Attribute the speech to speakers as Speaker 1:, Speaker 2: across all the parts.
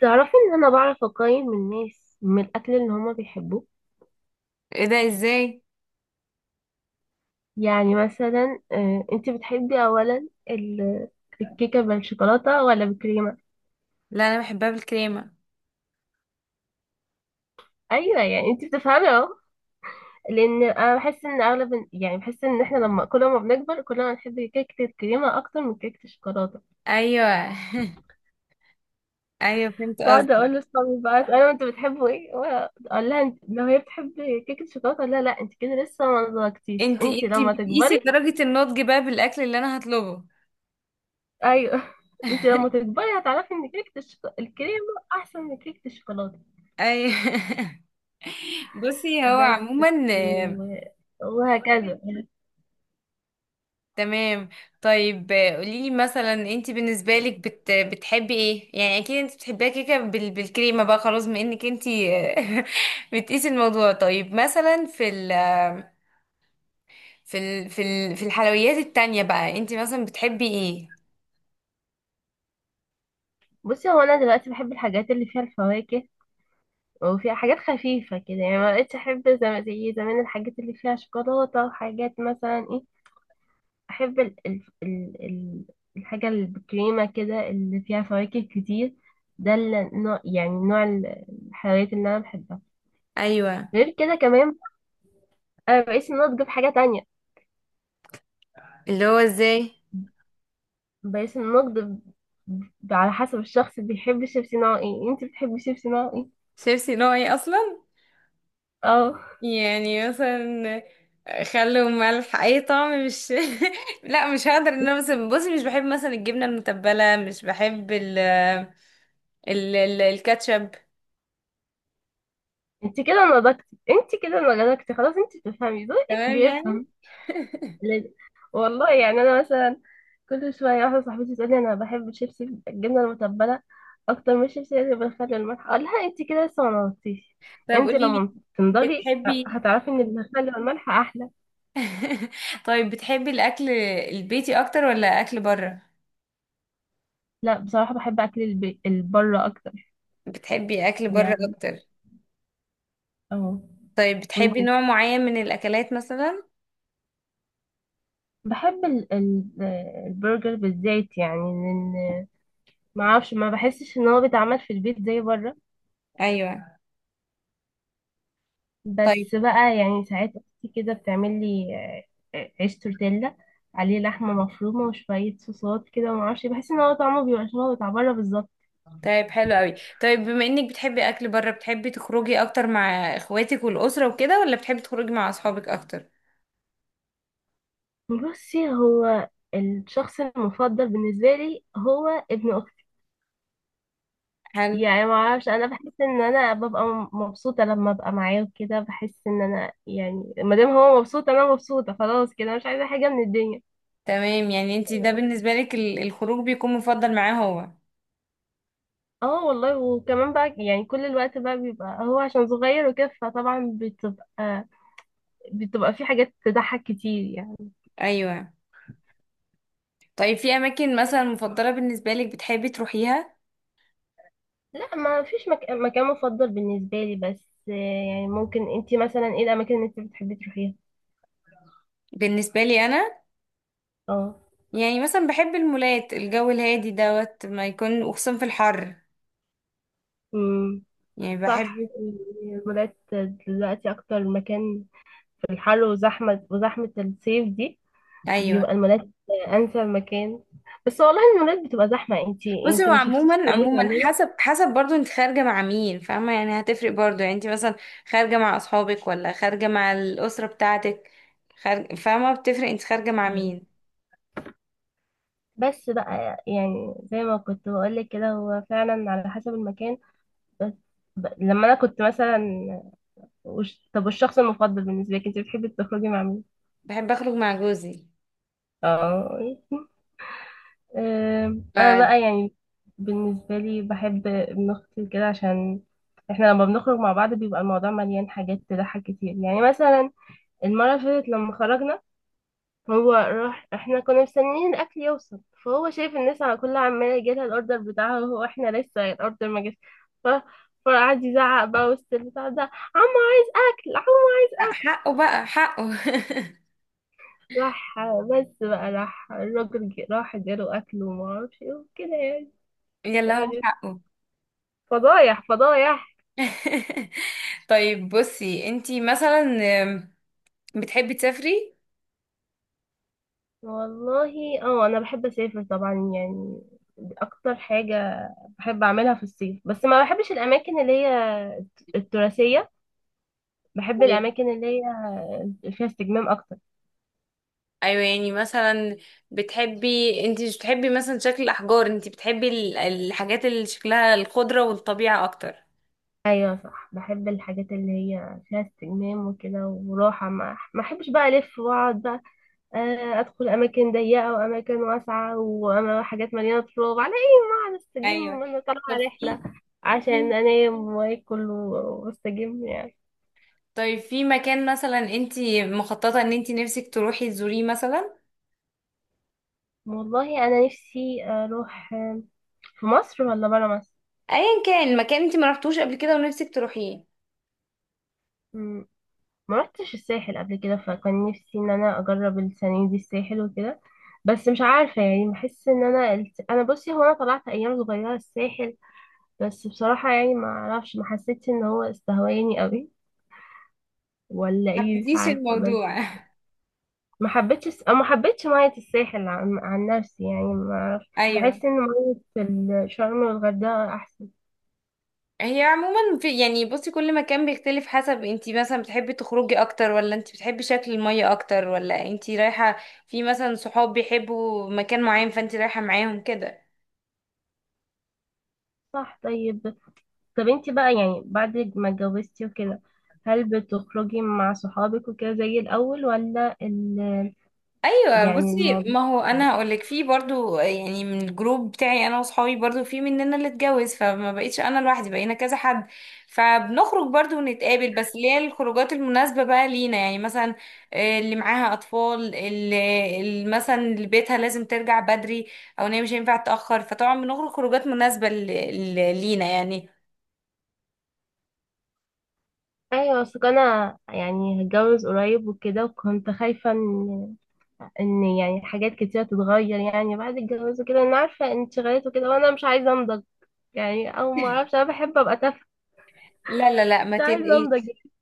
Speaker 1: تعرفي ان انا بعرف اقيم الناس من الاكل اللي هما بيحبوه.
Speaker 2: ايه ده ازاي؟
Speaker 1: يعني مثلا انت بتحبي اولا الكيكه بالشوكولاته ولا بالكريمه؟
Speaker 2: لا، انا بحبها بالكريمه.
Speaker 1: ايوه، يعني انت بتفهمي اهو. لان انا بحس ان اغلب، يعني بحس ان احنا لما كل ما بنكبر كل ما نحب كيكه الكريمه اكتر من كيكه الشوكولاته.
Speaker 2: ايوه ايوه، فهمت
Speaker 1: بقعد
Speaker 2: قصدي.
Speaker 1: اقول لاصحابي بقى، انا انتوا بتحبوا ايه؟ اقول لها، لو هي بتحب كيكه الشوكولاته، لا لا، انت كده لسه ما نضجتيش،
Speaker 2: انتي
Speaker 1: انت
Speaker 2: انتي
Speaker 1: لما
Speaker 2: بتقيسي
Speaker 1: تكبري.
Speaker 2: درجه النضج بقى بالاكل اللي انا هطلبه؟
Speaker 1: ايوه انت لما تكبري هتعرفي ان كيكه الكريمه احسن من كيكه الشوكولاته.
Speaker 2: ايوه بصي، هو
Speaker 1: بس
Speaker 2: عموما
Speaker 1: و... وهكذا.
Speaker 2: تمام. طيب قوليلي، مثلا انتي بالنسبه لك بتحبي ايه؟ يعني اكيد انتي بتحبيها كيكه بالكريمه بقى، خلاص، بما انك انتي بتقيسي الموضوع. طيب مثلا في الحلويات التانية بقى، انتي مثلا بتحبي ايه؟
Speaker 1: بصي، هو انا دلوقتي بحب الحاجات اللي فيها الفواكه، وفيها حاجات خفيفه كده، يعني ما بقتش احب زي زمان الحاجات اللي فيها شوكولاته. وحاجات مثلا ايه، احب الحاجه اللي بالكريمه كده، اللي فيها فواكه كتير. ده النوع، يعني نوع الحلويات اللي انا بحبها.
Speaker 2: ايوه.
Speaker 1: غير كده كمان، انا بقيت ان انا اطلب حاجه تانية.
Speaker 2: اللي هو ازاي؟
Speaker 1: بس النقد على حسب الشخص، بيحب الشيبسي نوع ايه. انت بتحبي شيبسي نوع ايه؟
Speaker 2: شيبسي نوع ايه اصلا؟
Speaker 1: اه.
Speaker 2: يعني مثلا خل وملح، اي طعم، مش لا، مش هقدر. ان انا مثلا، بصي، مش بحب مثلا الجبنه المتبله، مش بحب ال الكاتشب.
Speaker 1: انت كده نضجتي، انت كده نضجتي خلاص، انت بتفهمي، ذوقك
Speaker 2: تمام يعني.
Speaker 1: بيفهم لازم. والله يعني انا مثلا، كل شويه واحده صاحبتي تقولي انا بحب الشيبسي الجبنه المتبله اكتر من الشيبسي اللي بالخل والملح، اقول لها انت كده لسه ما نضجتيش،
Speaker 2: طب
Speaker 1: انت
Speaker 2: قولي لي،
Speaker 1: لما تنضجي
Speaker 2: بتحبي
Speaker 1: هتعرفي ان الخل والملح احلى.
Speaker 2: طيب، بتحبي الاكل البيتي اكتر ولا اكل بره؟
Speaker 1: لا بصراحه بحب اكل البره اكتر.
Speaker 2: بتحبي اكل بره
Speaker 1: يعني
Speaker 2: اكتر؟
Speaker 1: اه.
Speaker 2: طيب
Speaker 1: وانت؟
Speaker 2: بتحبي نوع معين من الاكلات مثلا؟
Speaker 1: بحب ال البرجر بالزيت، يعني لان، ما اعرفش، ما بحسش ان هو بيتعمل في البيت زي بره.
Speaker 2: ايوه. طيب.
Speaker 1: بس بقى يعني ساعات اختي كده بتعمل لي عيش تورتيلا عليه لحمه مفرومه وشويه صوصات كده، وما اعرفش، بحس ان هو طعمه بيبقى شبه بتاع بره بالظبط.
Speaker 2: طيب حلو قوي. طيب بما انك بتحبي اكل بره، بتحبي تخرجي اكتر مع اخواتك والاسره وكده، ولا بتحبي تخرجي مع اصحابك اكتر؟
Speaker 1: بصي، هو الشخص المفضل بالنسبه لي هو ابن اختي.
Speaker 2: حلو.
Speaker 1: يعني ما اعرفش، انا بحس ان انا ببقى مبسوطه لما ابقى معاه وكده. بحس ان انا يعني ما دام هو مبسوط انا مبسوطه، خلاص كده مش عايزه حاجه من الدنيا.
Speaker 2: تمام يعني انت ده
Speaker 1: بس
Speaker 2: بالنسبه لك الخروج بيكون مفضل معاه هو.
Speaker 1: اه والله. وكمان بقى يعني كل الوقت بقى بيبقى هو عشان صغير وكده، فطبعا بتبقى في حاجات تضحك كتير يعني.
Speaker 2: ايوه. طيب في اماكن مثلا مفضله بالنسبه لك بتحبي تروحيها؟
Speaker 1: لا ما فيش مكان مفضل بالنسبه لي، بس يعني ممكن انتي مثلا، ايه الاماكن اللي انتي بتحبي تروحيها؟
Speaker 2: بالنسبه لي انا،
Speaker 1: اه.
Speaker 2: يعني مثلا بحب المولات، الجو الهادي دوت ما يكون، وخصوصا في الحر.
Speaker 1: امم
Speaker 2: يعني
Speaker 1: صح.
Speaker 2: بحب.
Speaker 1: الولاد دلوقتي اكتر مكان في الحر، وزحمة الصيف دي،
Speaker 2: ايوه.
Speaker 1: بيبقى المولات أنسب مكان. بس والله المولات بتبقى زحمة. انتي
Speaker 2: بصي،
Speaker 1: انتي
Speaker 2: هو
Speaker 1: ما شفتيش
Speaker 2: عموما
Speaker 1: المولات
Speaker 2: عموما،
Speaker 1: عندنا.
Speaker 2: حسب برضو انت خارجة مع مين، فاهمة؟ يعني هتفرق برضو. يعني انت مثلا خارجة مع اصحابك ولا خارجة مع الأسرة بتاعتك؟ فاهمة، بتفرق انت خارجة مع
Speaker 1: مم.
Speaker 2: مين.
Speaker 1: بس بقى يعني زي ما كنت بقولك كده، هو فعلا على حسب المكان. بس لما أنا كنت مثلا، طب، والشخص المفضل بالنسبة لك انتي بتحبي تخرجي مع مين؟
Speaker 2: بحب اخرج مع جوزي.
Speaker 1: اه. أنا بقى يعني بالنسبة لي بحب ابن أختي كده، عشان احنا لما بنخرج مع بعض بيبقى الموضوع مليان حاجات تضحك كتير. يعني مثلا المرة اللي فاتت لما خرجنا، هو راح، احنا كنا مستنيين الأكل يوصل، فهو شايف الناس على كلها عمالة يجيلها الأوردر بتاعها، وهو احنا لسه الأوردر ما جاش، ف... فقعد يزعق بقى وسط البتاع ده، عمو عايز أكل، عمو عايز أكل.
Speaker 2: فحقه بقى، حقه.
Speaker 1: راح، بس بقى راح الراجل، راح اداله أكل وما أعرفش ايه وكده يعني.
Speaker 2: يلا، هو
Speaker 1: قعد-
Speaker 2: حقه.
Speaker 1: فضايح فضايح.
Speaker 2: طيب بصي، انت مثلا بتحبي تسافري؟
Speaker 1: والله اه، أنا بحب أسافر طبعا يعني. دي أكتر حاجة بحب أعملها في الصيف، بس ما بحبش الأماكن اللي هي التراثية. بحب
Speaker 2: طيب.
Speaker 1: الأماكن اللي هي فيها استجمام أكتر.
Speaker 2: ايوه، يعني مثلا بتحبي، انت مش بتحبي مثلا شكل الاحجار، انت بتحبي الحاجات اللي شكلها الخضره والطبيعه اكتر.
Speaker 1: أيوة صح، بحب الحاجات اللي هي فيها استجمام وكده وراحة. ما أحبش بقى ألف وأقعد بقى، أدخل أماكن ضيقة وأماكن واسعة وحاجات مليانة تراب على إيه. ما أقعد أستجم
Speaker 2: ايوه.
Speaker 1: وأنا طالعة
Speaker 2: طب في
Speaker 1: رحلة، عشان
Speaker 2: في-
Speaker 1: أنام وآكل وأستجم يعني.
Speaker 2: طيب في مكان مثلا انت مخططه ان انت نفسك تروحي تزوريه مثلا؟
Speaker 1: والله أنا نفسي أروح، في مصر ولا برا مصر؟
Speaker 2: ايا كان مكان انت ما رحتوش قبل كده ونفسك تروحيه.
Speaker 1: ما رحتش الساحل قبل كده، فكان نفسي ان انا اجرب السنه دي الساحل وكده، بس مش عارفه يعني. بحس ان انا انا، بصي هو انا طلعت ايام صغيره الساحل، بس بصراحه يعني، ما اعرفش، ما حسيتش ان هو استهواني قوي ولا ايه، مش
Speaker 2: حبيتيش
Speaker 1: عارفه. بس
Speaker 2: الموضوع؟
Speaker 1: ما حبيتش أو ما حبيتش ميه الساحل، عن نفسي يعني. ما اعرفش،
Speaker 2: ايوه.
Speaker 1: بحس ان ميه الشرم والغردقه احسن.
Speaker 2: هي عموما في، يعني بصي، كل مكان بيختلف حسب انتي مثلا بتحبي تخرجي اكتر، ولا انتي بتحبي شكل المية اكتر، ولا انتي رايحة في مثلا صحاب بيحبوا مكان معين فانتي رايحة معاهم كده.
Speaker 1: صح. طيب، طب انت بقى يعني بعد ما اتجوزتي وكده، هل بتخرجي مع صحابك وكده زي الأول ولا
Speaker 2: ايوه
Speaker 1: يعني
Speaker 2: بصي، ما
Speaker 1: الموضوع؟
Speaker 2: هو انا هقولك، في برضو يعني من الجروب بتاعي انا واصحابي برضو في مننا اللي اتجوز، فما بقيتش انا لوحدي، بقينا كذا حد. فبنخرج برضو ونتقابل، بس اللي هي الخروجات المناسبة بقى لينا، يعني مثلا اللي معاها اطفال، اللي مثلا اللي بيتها لازم ترجع بدري، او ان هي مش هينفع تتأخر، فطبعا بنخرج خروجات مناسبة ل- لينا يعني.
Speaker 1: ايوه، اصل انا يعني هتجوز قريب وكده، وكنت خايفه ان يعني حاجات كتيره تتغير يعني بعد الجواز وكده. انا عارفه انشغالات وكده، وانا مش عايزه انضج يعني، او ما اعرفش، انا بحب ابقى تافهه،
Speaker 2: لا لا لا، ما
Speaker 1: مش عايزه انضج
Speaker 2: تقلقيش.
Speaker 1: يعني.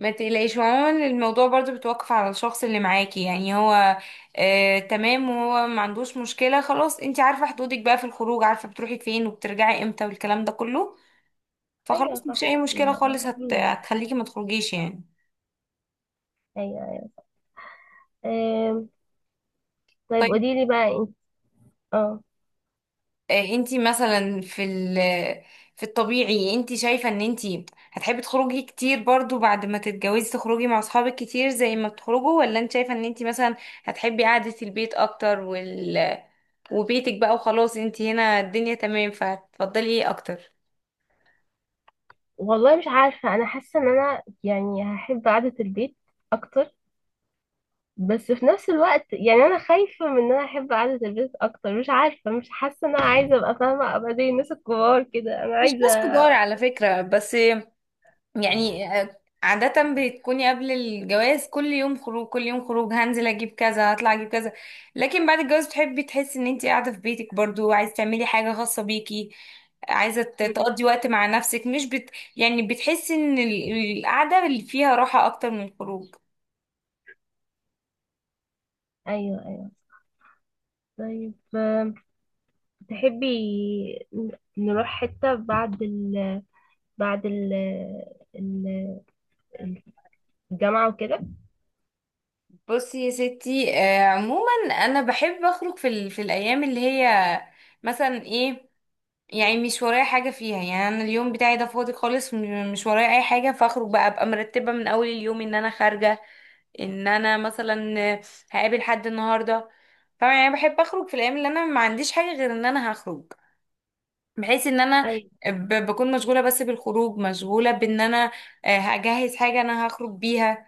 Speaker 2: ما تقلقيش، عموما الموضوع برضو بتوقف على الشخص اللي معاكي، يعني هو آه تمام وهو ما عندوش مشكلة، خلاص انتي عارفة حدودك بقى في الخروج، عارفة بتروحي فين وبترجعي امتى والكلام ده كله.
Speaker 1: ايوه
Speaker 2: فخلاص، مفيش
Speaker 1: صح.
Speaker 2: اي مشكلة خالص
Speaker 1: ما-
Speaker 2: هتخليكي ما تخرجيش يعني.
Speaker 1: ايوه أيوة. أم، طيب
Speaker 2: طيب
Speaker 1: قولي لي بقى انت. اه
Speaker 2: انتي مثلا في ال في الطبيعي انتي شايفة ان انتي هتحبي تخرجي كتير برضو بعد ما تتجوزي، تخرجي مع اصحابك كتير زي ما بتخرجوا، ولا انت شايفة ان انتي مثلا هتحبي قعدة البيت اكتر، وال وبيتك بقى وخلاص، انتي هنا الدنيا تمام، فهتفضلي ايه اكتر؟
Speaker 1: والله مش عارفة، أنا حاسة إن أنا يعني هحب قعدة البيت أكتر، بس في نفس الوقت يعني أنا خايفة من إن أنا أحب قعدة البيت أكتر. مش عارفة، مش حاسة إن أنا عايزة أبقى فاهمة، أبقى زي الناس الكبار كده، أنا
Speaker 2: مش
Speaker 1: عايزة
Speaker 2: ناس كبار على فكرة، بس يعني عادة بتكوني قبل الجواز كل يوم خروج، كل يوم خروج، هنزل اجيب كذا، هطلع اجيب كذا. لكن بعد الجواز تحبي تحسي ان انت قاعدة في بيتك، برضو عايزة تعملي حاجة خاصة بيكي، عايزة
Speaker 1: مم.
Speaker 2: تقضي وقت مع نفسك، مش يعني بتحسي ان القعدة اللي فيها راحة اكتر من الخروج.
Speaker 1: أيوه أيوه. طيب تحبي ن- نروح حتة بعد ال، بعد ال، ال- الجامعة وكده؟
Speaker 2: بصي يا ستي، عموما انا بحب اخرج في الايام اللي هي مثلا ايه، يعني مش ورايا حاجة فيها، يعني أنا اليوم بتاعي ده فاضي خالص، مش ورايا أي حاجة، فأخرج بقى، أبقى مرتبة من أول اليوم إن أنا خارجة، إن أنا مثلا هقابل حد النهاردة. فاهمة؟ يعني بحب أخرج في الأيام اللي أنا ما عنديش حاجة غير إن أنا هخرج، بحيث إن أنا
Speaker 1: أيوه
Speaker 2: بكون مشغولة بس بالخروج، مشغولة بإن أنا هجهز حاجة أنا هخرج بيها.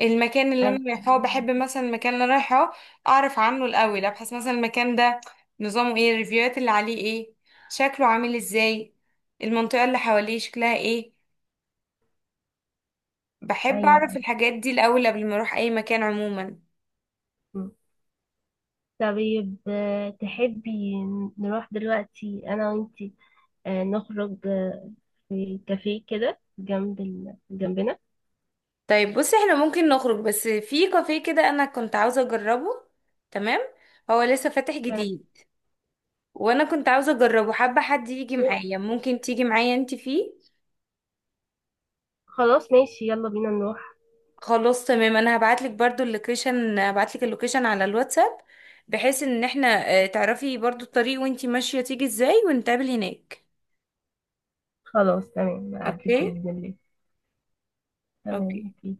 Speaker 2: المكان اللي
Speaker 1: أيوه
Speaker 2: انا رايحاه، بحب مثلا المكان اللي أنا رايحاه اعرف عنه الاول، ابحث مثلا المكان ده نظامه ايه، الريفيوهات اللي عليه ايه، شكله عامل ازاي، المنطقة اللي حواليه شكلها ايه. بحب اعرف
Speaker 1: أيوه.
Speaker 2: الحاجات دي الاول قبل ما اروح اي مكان عموما.
Speaker 1: مم. طيب تحبي نروح دلوقتي أنا وإنتي، نخرج، في كافيه كده جنب جنبنا؟
Speaker 2: طيب بصي، احنا ممكن نخرج بس في كافيه كده انا كنت عاوزة اجربه. تمام، هو لسه فاتح
Speaker 1: تمام.
Speaker 2: جديد، وانا كنت عاوزة اجربه، حابة حد يجي معايا، ممكن تيجي معايا انت فيه؟
Speaker 1: خلاص ماشي، يلا بينا نروح.
Speaker 2: خلاص تمام، انا هبعتلك برضو اللوكيشن، هبعتلك اللوكيشن على الواتساب، بحيث ان احنا تعرفي برضو الطريق وانتي ماشية تيجي ازاي، ونتقابل هناك.
Speaker 1: خلاص تمام، عدت
Speaker 2: اوكي.
Speaker 1: بإذن الله. تمام
Speaker 2: اوكي.
Speaker 1: أوكي.